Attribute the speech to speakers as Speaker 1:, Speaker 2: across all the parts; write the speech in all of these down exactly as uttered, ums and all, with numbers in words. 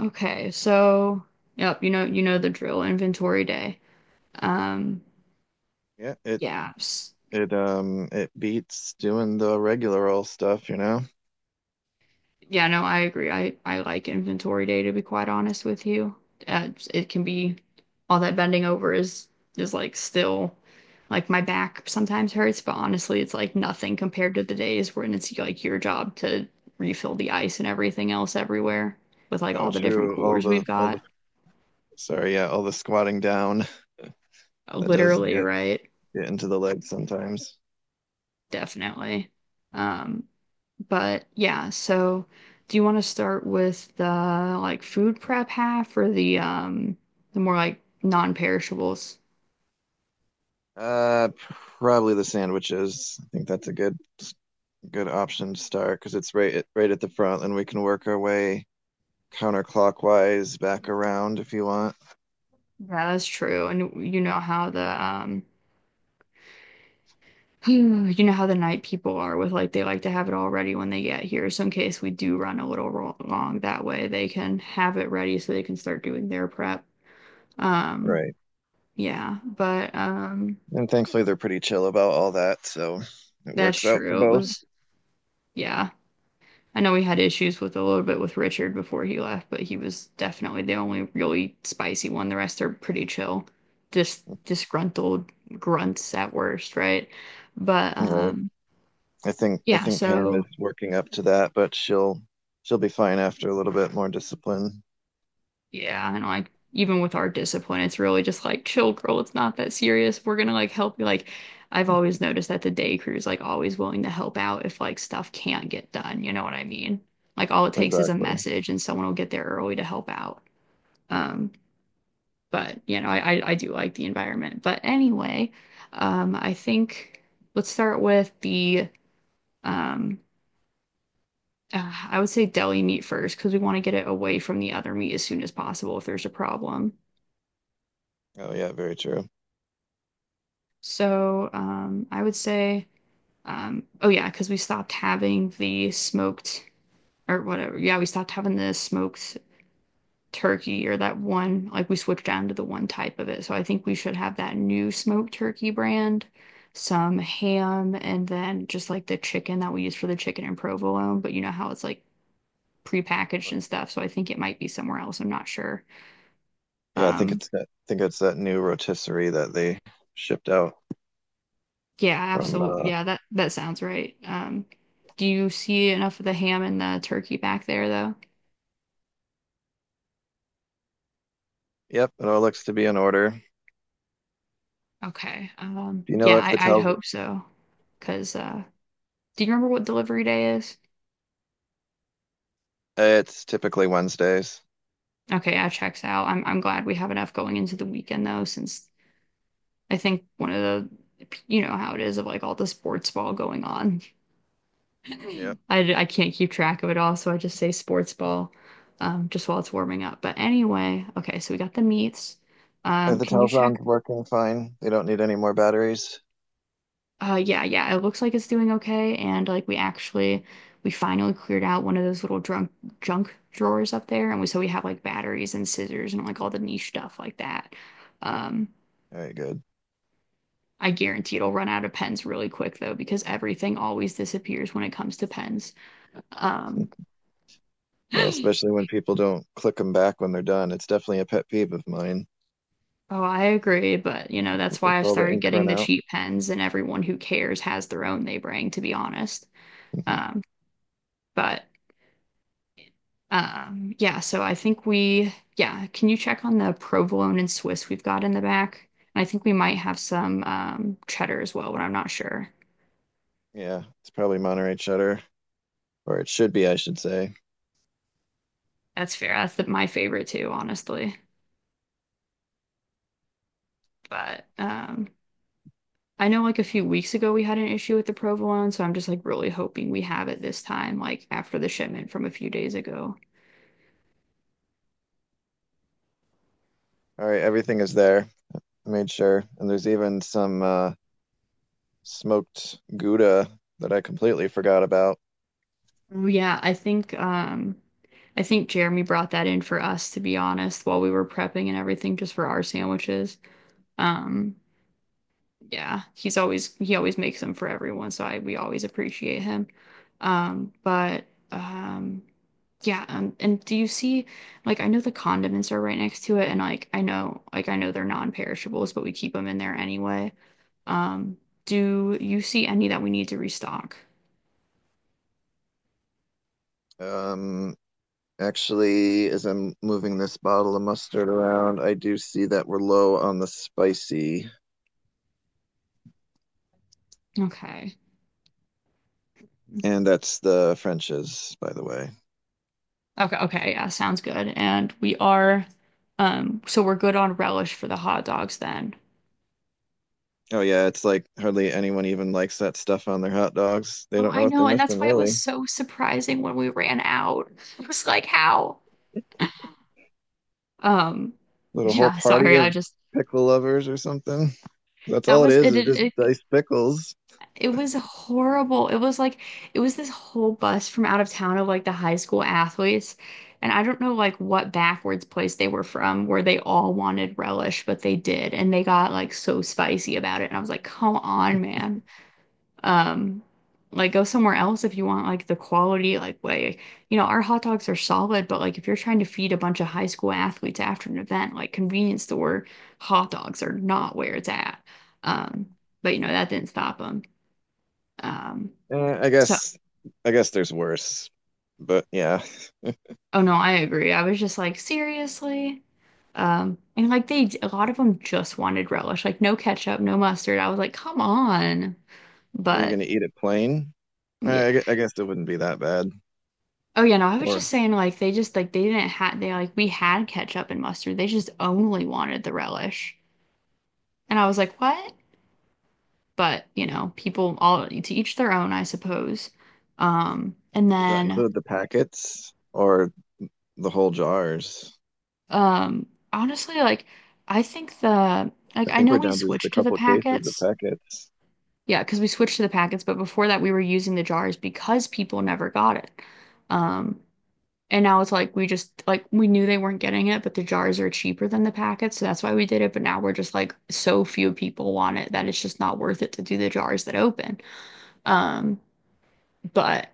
Speaker 1: Okay, so yep, you know you know the drill, inventory day. Um,
Speaker 2: Yeah, it
Speaker 1: yeah, s-
Speaker 2: it um it beats doing the regular old stuff, you know?
Speaker 1: yeah, no, I agree. I I like inventory day to be quite honest with you. Uh, it can be All that bending over is is like still like my back sometimes hurts, but honestly, it's like nothing compared to the days when it's like your job to refill the ice and everything else everywhere with like
Speaker 2: Oh,
Speaker 1: all the different
Speaker 2: true. All
Speaker 1: coolers we've
Speaker 2: the all
Speaker 1: got.
Speaker 2: the sorry, yeah, all the squatting down that does
Speaker 1: Literally,
Speaker 2: get
Speaker 1: right?
Speaker 2: get into the legs sometimes.
Speaker 1: Definitely. Um, But yeah, so do you want to start with the like food prep half or the um the more like non-perishables?
Speaker 2: Uh, Probably the sandwiches. I think that's a good good option to start because it's right at, right at the front, and we can work our way counterclockwise back around if you want.
Speaker 1: Yeah, that's true. And you know how the um you know how the night people are with like they like to have it all ready when they get here. So in case we do run a little ro- long that way, they can have it ready so they can start doing their prep. Um
Speaker 2: Right.
Speaker 1: yeah, but um
Speaker 2: And thankfully, they're pretty chill about all that, so it
Speaker 1: That's
Speaker 2: works out for
Speaker 1: true. It
Speaker 2: both.
Speaker 1: was yeah. I know we had issues with a little bit with Richard before he left, but he was definitely the only really spicy one. The rest are pretty chill, just disgruntled grunts at worst, right? But
Speaker 2: Right.
Speaker 1: um,
Speaker 2: I think I
Speaker 1: yeah,
Speaker 2: think Pam
Speaker 1: so
Speaker 2: is working up to that, but she'll she'll be fine after a little bit more discipline.
Speaker 1: Yeah, and like even with our discipline, it's really just like chill, girl. It's not that serious. We're gonna like help you. Like I've always noticed that the day crew is like always willing to help out if like stuff can't get done. You know what I mean? Like all it takes is a
Speaker 2: Exactly.
Speaker 1: message, and someone will get there early to help out. Um, but you know, I, I, I do like the environment. But anyway, um, I think let's start with the um, uh, I would say deli meat first because we want to get it away from the other meat as soon as possible if there's a problem.
Speaker 2: Oh yeah, very true.
Speaker 1: So um, I would say um, oh yeah, because we stopped having the smoked or whatever. Yeah, we stopped having the smoked turkey or that one, like we switched down to the one type of it. So I think we should have that new smoked turkey brand, some ham, and then just like the chicken that we use for the chicken and provolone. But you know how it's like prepackaged and stuff. So I think it might be somewhere else. I'm not sure.
Speaker 2: Yeah, I think
Speaker 1: Um,
Speaker 2: it's that, I think it's that new rotisserie that they shipped out
Speaker 1: yeah,
Speaker 2: from.
Speaker 1: absolutely.
Speaker 2: Uh,
Speaker 1: Yeah, that that sounds right. Um, do you see enough of the ham and the turkey back there though?
Speaker 2: yep, it all looks to be in order. Do
Speaker 1: Okay. Um,
Speaker 2: you know
Speaker 1: yeah,
Speaker 2: if the
Speaker 1: I, I'd
Speaker 2: tel's
Speaker 1: hope so. Cause uh, do you remember what delivery day is?
Speaker 2: it's typically Wednesdays.
Speaker 1: Okay, yeah, checks out. I'm I'm glad we have enough going into the weekend though, since I think one of the you know how it is of like all the sports ball going on. I
Speaker 2: Yep.
Speaker 1: I can't keep track of it all, so I just say sports ball, um, just while it's warming up. But anyway, okay, so we got the meats.
Speaker 2: Are
Speaker 1: Um,
Speaker 2: the
Speaker 1: can you check?
Speaker 2: telzon's working fine? They don't need any more batteries.
Speaker 1: Uh, yeah, yeah, it looks like it's doing okay, and like we actually we finally cleared out one of those little drunk junk drawers up there, and we so we have like batteries and scissors and like all the niche stuff like that. Um.
Speaker 2: All right, good.
Speaker 1: I guarantee it'll run out of pens really quick though, because everything always disappears when it comes to pens. Um,
Speaker 2: Yeah,
Speaker 1: oh,
Speaker 2: especially when people don't click them back when they're done. It's definitely a pet peeve of mine.
Speaker 1: I agree, but you know, that's
Speaker 2: With
Speaker 1: why I've
Speaker 2: all the
Speaker 1: started
Speaker 2: ink
Speaker 1: getting
Speaker 2: run
Speaker 1: the
Speaker 2: out.
Speaker 1: cheap pens, and everyone who cares has their own they bring, to be honest. Um, but um, Yeah, so I think we, yeah, can you check on the provolone and Swiss we've got in the back? And I think we might have some um, cheddar as well, but I'm not sure.
Speaker 2: Yeah, it's probably Monterey cheddar, or it should be, I should say.
Speaker 1: That's fair. That's the, my favorite too, honestly. But um, I know like a few weeks ago we had an issue with the provolone, so I'm just like really hoping we have it this time, like after the shipment from a few days ago.
Speaker 2: All right, everything is there. I made sure. And there's even some uh, smoked Gouda that I completely forgot about.
Speaker 1: Yeah, I think um I think Jeremy brought that in for us to be honest while we were prepping and everything just for our sandwiches. Um yeah, he's always he always makes them for everyone, so I we always appreciate him. Um but um Yeah, um, and do you see, like, I know the condiments are right next to it, and like, I know, like, I know they're non-perishables, but we keep them in there anyway. Um, do you see any that we need to restock?
Speaker 2: Um, Actually, as I'm moving this bottle of mustard around, I do see that we're low on the spicy.
Speaker 1: Okay.
Speaker 2: And that's the French's, by the way.
Speaker 1: Okay, okay, yeah, sounds good. And we are, um, so we're good on relish for the hot dogs then.
Speaker 2: Oh, yeah, it's like hardly anyone even likes that stuff on their hot dogs. They
Speaker 1: Oh,
Speaker 2: don't know
Speaker 1: I
Speaker 2: what they're
Speaker 1: know, and
Speaker 2: missing,
Speaker 1: that's why it
Speaker 2: really.
Speaker 1: was so surprising when we ran out. It was like, how? Um,
Speaker 2: Little whole
Speaker 1: yeah,
Speaker 2: party
Speaker 1: sorry, I
Speaker 2: of
Speaker 1: just
Speaker 2: pickle lovers or something. That's
Speaker 1: that
Speaker 2: all it
Speaker 1: was
Speaker 2: is,
Speaker 1: it,
Speaker 2: is just
Speaker 1: it.
Speaker 2: diced pickles.
Speaker 1: It was horrible. It was like it was this whole bus from out of town of like the high school athletes. And I don't know like what backwards place they were from where they all wanted relish, but they did. And they got like so spicy about it. And I was like, come on, man. Um, like go somewhere else if you want like the quality like way. You know, our hot dogs are solid, but like if you're trying to feed a bunch of high school athletes after an event, like convenience store hot dogs are not where it's at. Um, but you know, that didn't stop them. Um,
Speaker 2: Eh, I
Speaker 1: so,
Speaker 2: guess I guess there's worse. But yeah,
Speaker 1: oh no, I agree. I was just like, seriously? Um, and like they, a lot of them just wanted relish, like no ketchup, no mustard. I was like, come on.
Speaker 2: were you
Speaker 1: But
Speaker 2: gonna eat it plain?
Speaker 1: yeah.
Speaker 2: Eh, I gue- I guess it wouldn't be that bad.
Speaker 1: Oh yeah, no, I was just
Speaker 2: Or
Speaker 1: saying like they just like they didn't have they like we had ketchup and mustard. They just only wanted the relish. And I was like, what? But you know, people all to each their own, I suppose. Um, and
Speaker 2: does that
Speaker 1: then
Speaker 2: include the packets or the whole jars?
Speaker 1: um Honestly, like I think the like
Speaker 2: I
Speaker 1: I
Speaker 2: think
Speaker 1: know
Speaker 2: we're
Speaker 1: we
Speaker 2: down to just a
Speaker 1: switched to the
Speaker 2: couple cases of
Speaker 1: packets.
Speaker 2: packets.
Speaker 1: Yeah, because we switched to the packets, but before that we were using the jars because people never got it. Um, and now it's like we just like we knew they weren't getting it, but the jars are cheaper than the packets, so that's why we did it. But now we're just like so few people want it that it's just not worth it to do the jars that open. Um, but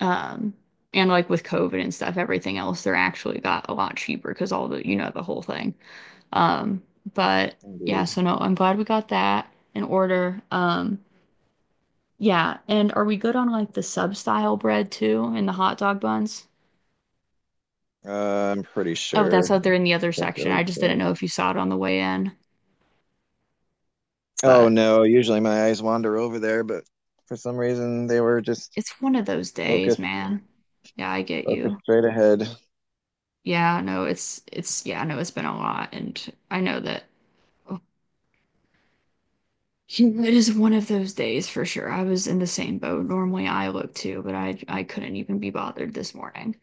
Speaker 1: um and like with COVID and stuff, everything else they're actually got a lot cheaper because all the you know the whole thing. Um, but Yeah,
Speaker 2: Indeed.
Speaker 1: so no, I'm glad we got that in order. Um yeah, and are we good on like the sub style bread too and the hot dog buns?
Speaker 2: Uh, I'm pretty
Speaker 1: Oh,
Speaker 2: sure.
Speaker 1: that's out there in
Speaker 2: Let's
Speaker 1: the other
Speaker 2: check
Speaker 1: section.
Speaker 2: really
Speaker 1: I just didn't
Speaker 2: quick.
Speaker 1: know if you saw it on the way in,
Speaker 2: Oh
Speaker 1: but
Speaker 2: no, usually my eyes wander over there, but for some reason they were just
Speaker 1: it's one of those days,
Speaker 2: focused,
Speaker 1: man. Yeah, I get
Speaker 2: focused
Speaker 1: you.
Speaker 2: straight ahead.
Speaker 1: Yeah, no, it's it's yeah, no, it's been a lot, and I know that oh, it is one of those days for sure. I was in the same boat. Normally, I look too, but I I couldn't even be bothered this morning.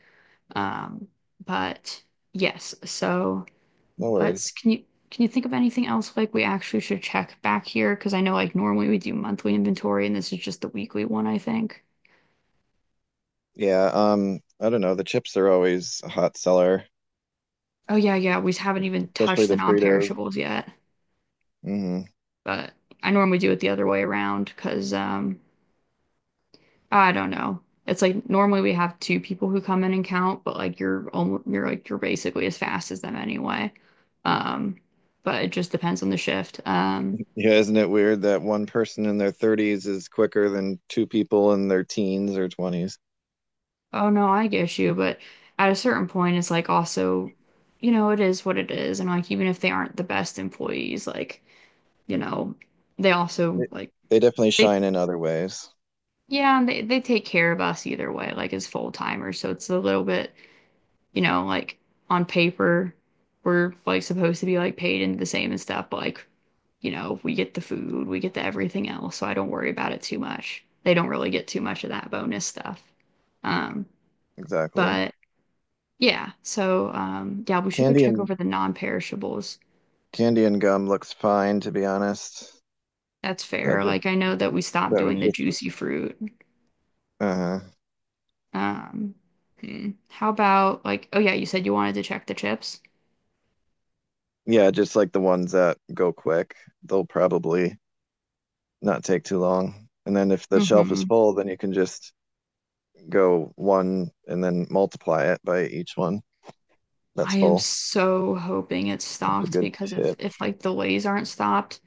Speaker 1: Um, but Yes, so.
Speaker 2: No
Speaker 1: Let's
Speaker 2: worries.
Speaker 1: Can you can you think of anything else like we actually should check back here? Because I know like normally we do monthly inventory and this is just the weekly one, I think.
Speaker 2: Yeah, um, I don't know. The chips are always a hot seller,
Speaker 1: Oh yeah, yeah, we haven't even touched
Speaker 2: especially
Speaker 1: the
Speaker 2: the Fritos.
Speaker 1: non-perishables yet,
Speaker 2: hmm
Speaker 1: but I normally do it the other way around because um I don't know. It's like normally we have two people who come in and count, but like you're almost you're like you're basically as fast as them anyway. Um, but it just depends on the shift. Um,
Speaker 2: Yeah, isn't it weird that one person in their thirties is quicker than two people in their teens or twenties?
Speaker 1: Oh no, I get you, but at a certain point, it's like also, you know, it is what it is, and like even if they aren't the best employees, like you know, they also
Speaker 2: They,
Speaker 1: like
Speaker 2: they definitely
Speaker 1: they
Speaker 2: shine in other ways.
Speaker 1: yeah, and they they take care of us either way, like as full timers, so it's a little bit, you know, like on paper, we're like supposed to be like paid into the same and stuff, but like you know, we get the food, we get the everything else, so I don't worry about it too much. They don't really get too much of that bonus stuff, um,
Speaker 2: Exactly.
Speaker 1: but. Yeah. So, um, yeah, we should go
Speaker 2: Candy
Speaker 1: check
Speaker 2: and
Speaker 1: over the non-perishables.
Speaker 2: candy and gum looks fine, to be honest.
Speaker 1: That's
Speaker 2: That
Speaker 1: fair.
Speaker 2: just
Speaker 1: Like, I know that we stopped
Speaker 2: that
Speaker 1: doing
Speaker 2: was
Speaker 1: the
Speaker 2: just
Speaker 1: juicy fruit.
Speaker 2: uh-huh.
Speaker 1: Um, hmm. How about like, oh yeah, you said you wanted to check the chips.
Speaker 2: Yeah, just like the ones that go quick. They'll probably not take too long. And then if the shelf
Speaker 1: hmm
Speaker 2: is full, then you can just go one and then multiply it by each one. That's
Speaker 1: I am
Speaker 2: full.
Speaker 1: so hoping it's
Speaker 2: That's a
Speaker 1: stocked
Speaker 2: good
Speaker 1: because if
Speaker 2: tip.
Speaker 1: if like the Lays aren't stocked,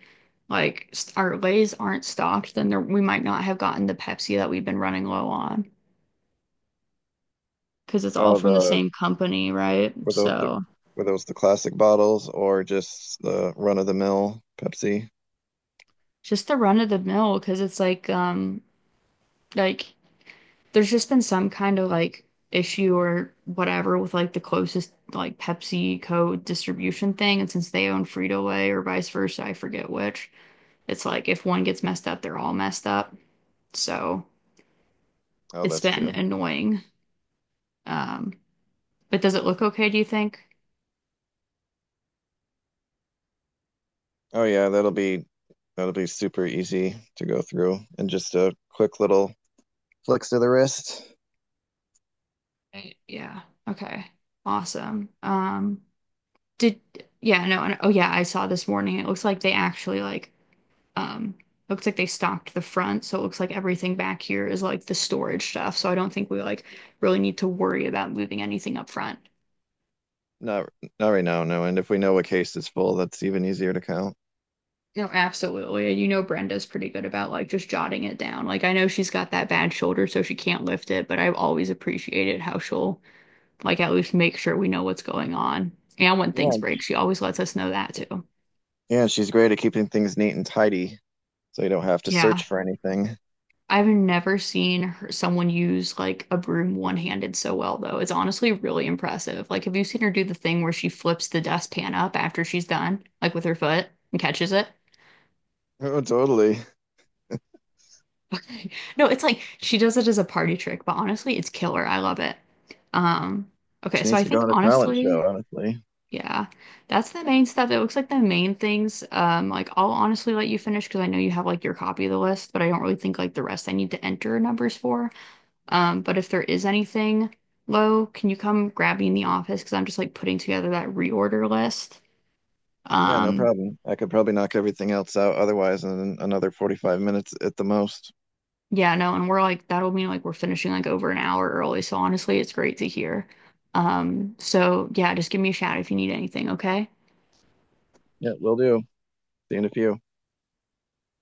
Speaker 1: like s- our Lays aren't stocked, then there, we might not have gotten the Pepsi that we've been running low on because it's all
Speaker 2: Oh,
Speaker 1: from the
Speaker 2: the
Speaker 1: same company, right?
Speaker 2: were those the
Speaker 1: So
Speaker 2: Were those the classic bottles or just the run of the mill Pepsi?
Speaker 1: just the run of the mill because it's like um like there's just been some kind of like issue or whatever with like the closest like PepsiCo distribution thing, and since they own Frito-Lay or vice versa, I forget which, it's like if one gets messed up, they're all messed up. So
Speaker 2: Oh,
Speaker 1: it's
Speaker 2: that's
Speaker 1: been
Speaker 2: true.
Speaker 1: annoying. Um, but does it look okay, do you think?
Speaker 2: Oh yeah, that'll be that'll be super easy to go through and just a quick little flicks to the wrist.
Speaker 1: Right. Yeah. Okay. Awesome. Um, did Yeah, no, and, oh yeah, I saw this morning. It looks like they actually like Um, it looks like they stocked the front, so it looks like everything back here is like the storage stuff. So I don't think we like really need to worry about moving anything up front.
Speaker 2: Not Not right now, no. And if we know a case is full, that's even easier to count.
Speaker 1: No, absolutely. You know Brenda's pretty good about like just jotting it down. Like I know she's got that bad shoulder, so she can't lift it, but I've always appreciated how she'll like at least make sure we know what's going on. And when things
Speaker 2: Yeah,
Speaker 1: break, she always lets us know that too.
Speaker 2: yeah, she's great at keeping things neat and tidy, so you don't have to
Speaker 1: Yeah.
Speaker 2: search for anything.
Speaker 1: I've never seen her, someone use like a broom one-handed so well, though. It's honestly really impressive. Like, have you seen her do the thing where she flips the dustpan up after she's done, like with her foot and catches it?
Speaker 2: Oh, totally.
Speaker 1: Okay. No, it's like she does it as a party trick, but honestly, it's killer. I love it. Um, okay,
Speaker 2: She
Speaker 1: so
Speaker 2: needs
Speaker 1: I
Speaker 2: to go
Speaker 1: think
Speaker 2: on a talent
Speaker 1: honestly,
Speaker 2: show, honestly.
Speaker 1: yeah, that's the main stuff. It looks like the main things. Um, like I'll honestly let you finish because I know you have like your copy of the list, but I don't really think like the rest I need to enter numbers for. Um, but if there is anything low, can you come grab me in the office? Because I'm just like putting together that reorder list.
Speaker 2: Yeah, no
Speaker 1: Um,
Speaker 2: problem. I could probably knock everything else out otherwise in another forty-five minutes at the most.
Speaker 1: yeah, no, and we're like, that'll mean like we're finishing like over an hour early. So honestly, it's great to hear. Um, so yeah, just give me a shout if you need anything, okay?
Speaker 2: Yeah, will do. See you in a few.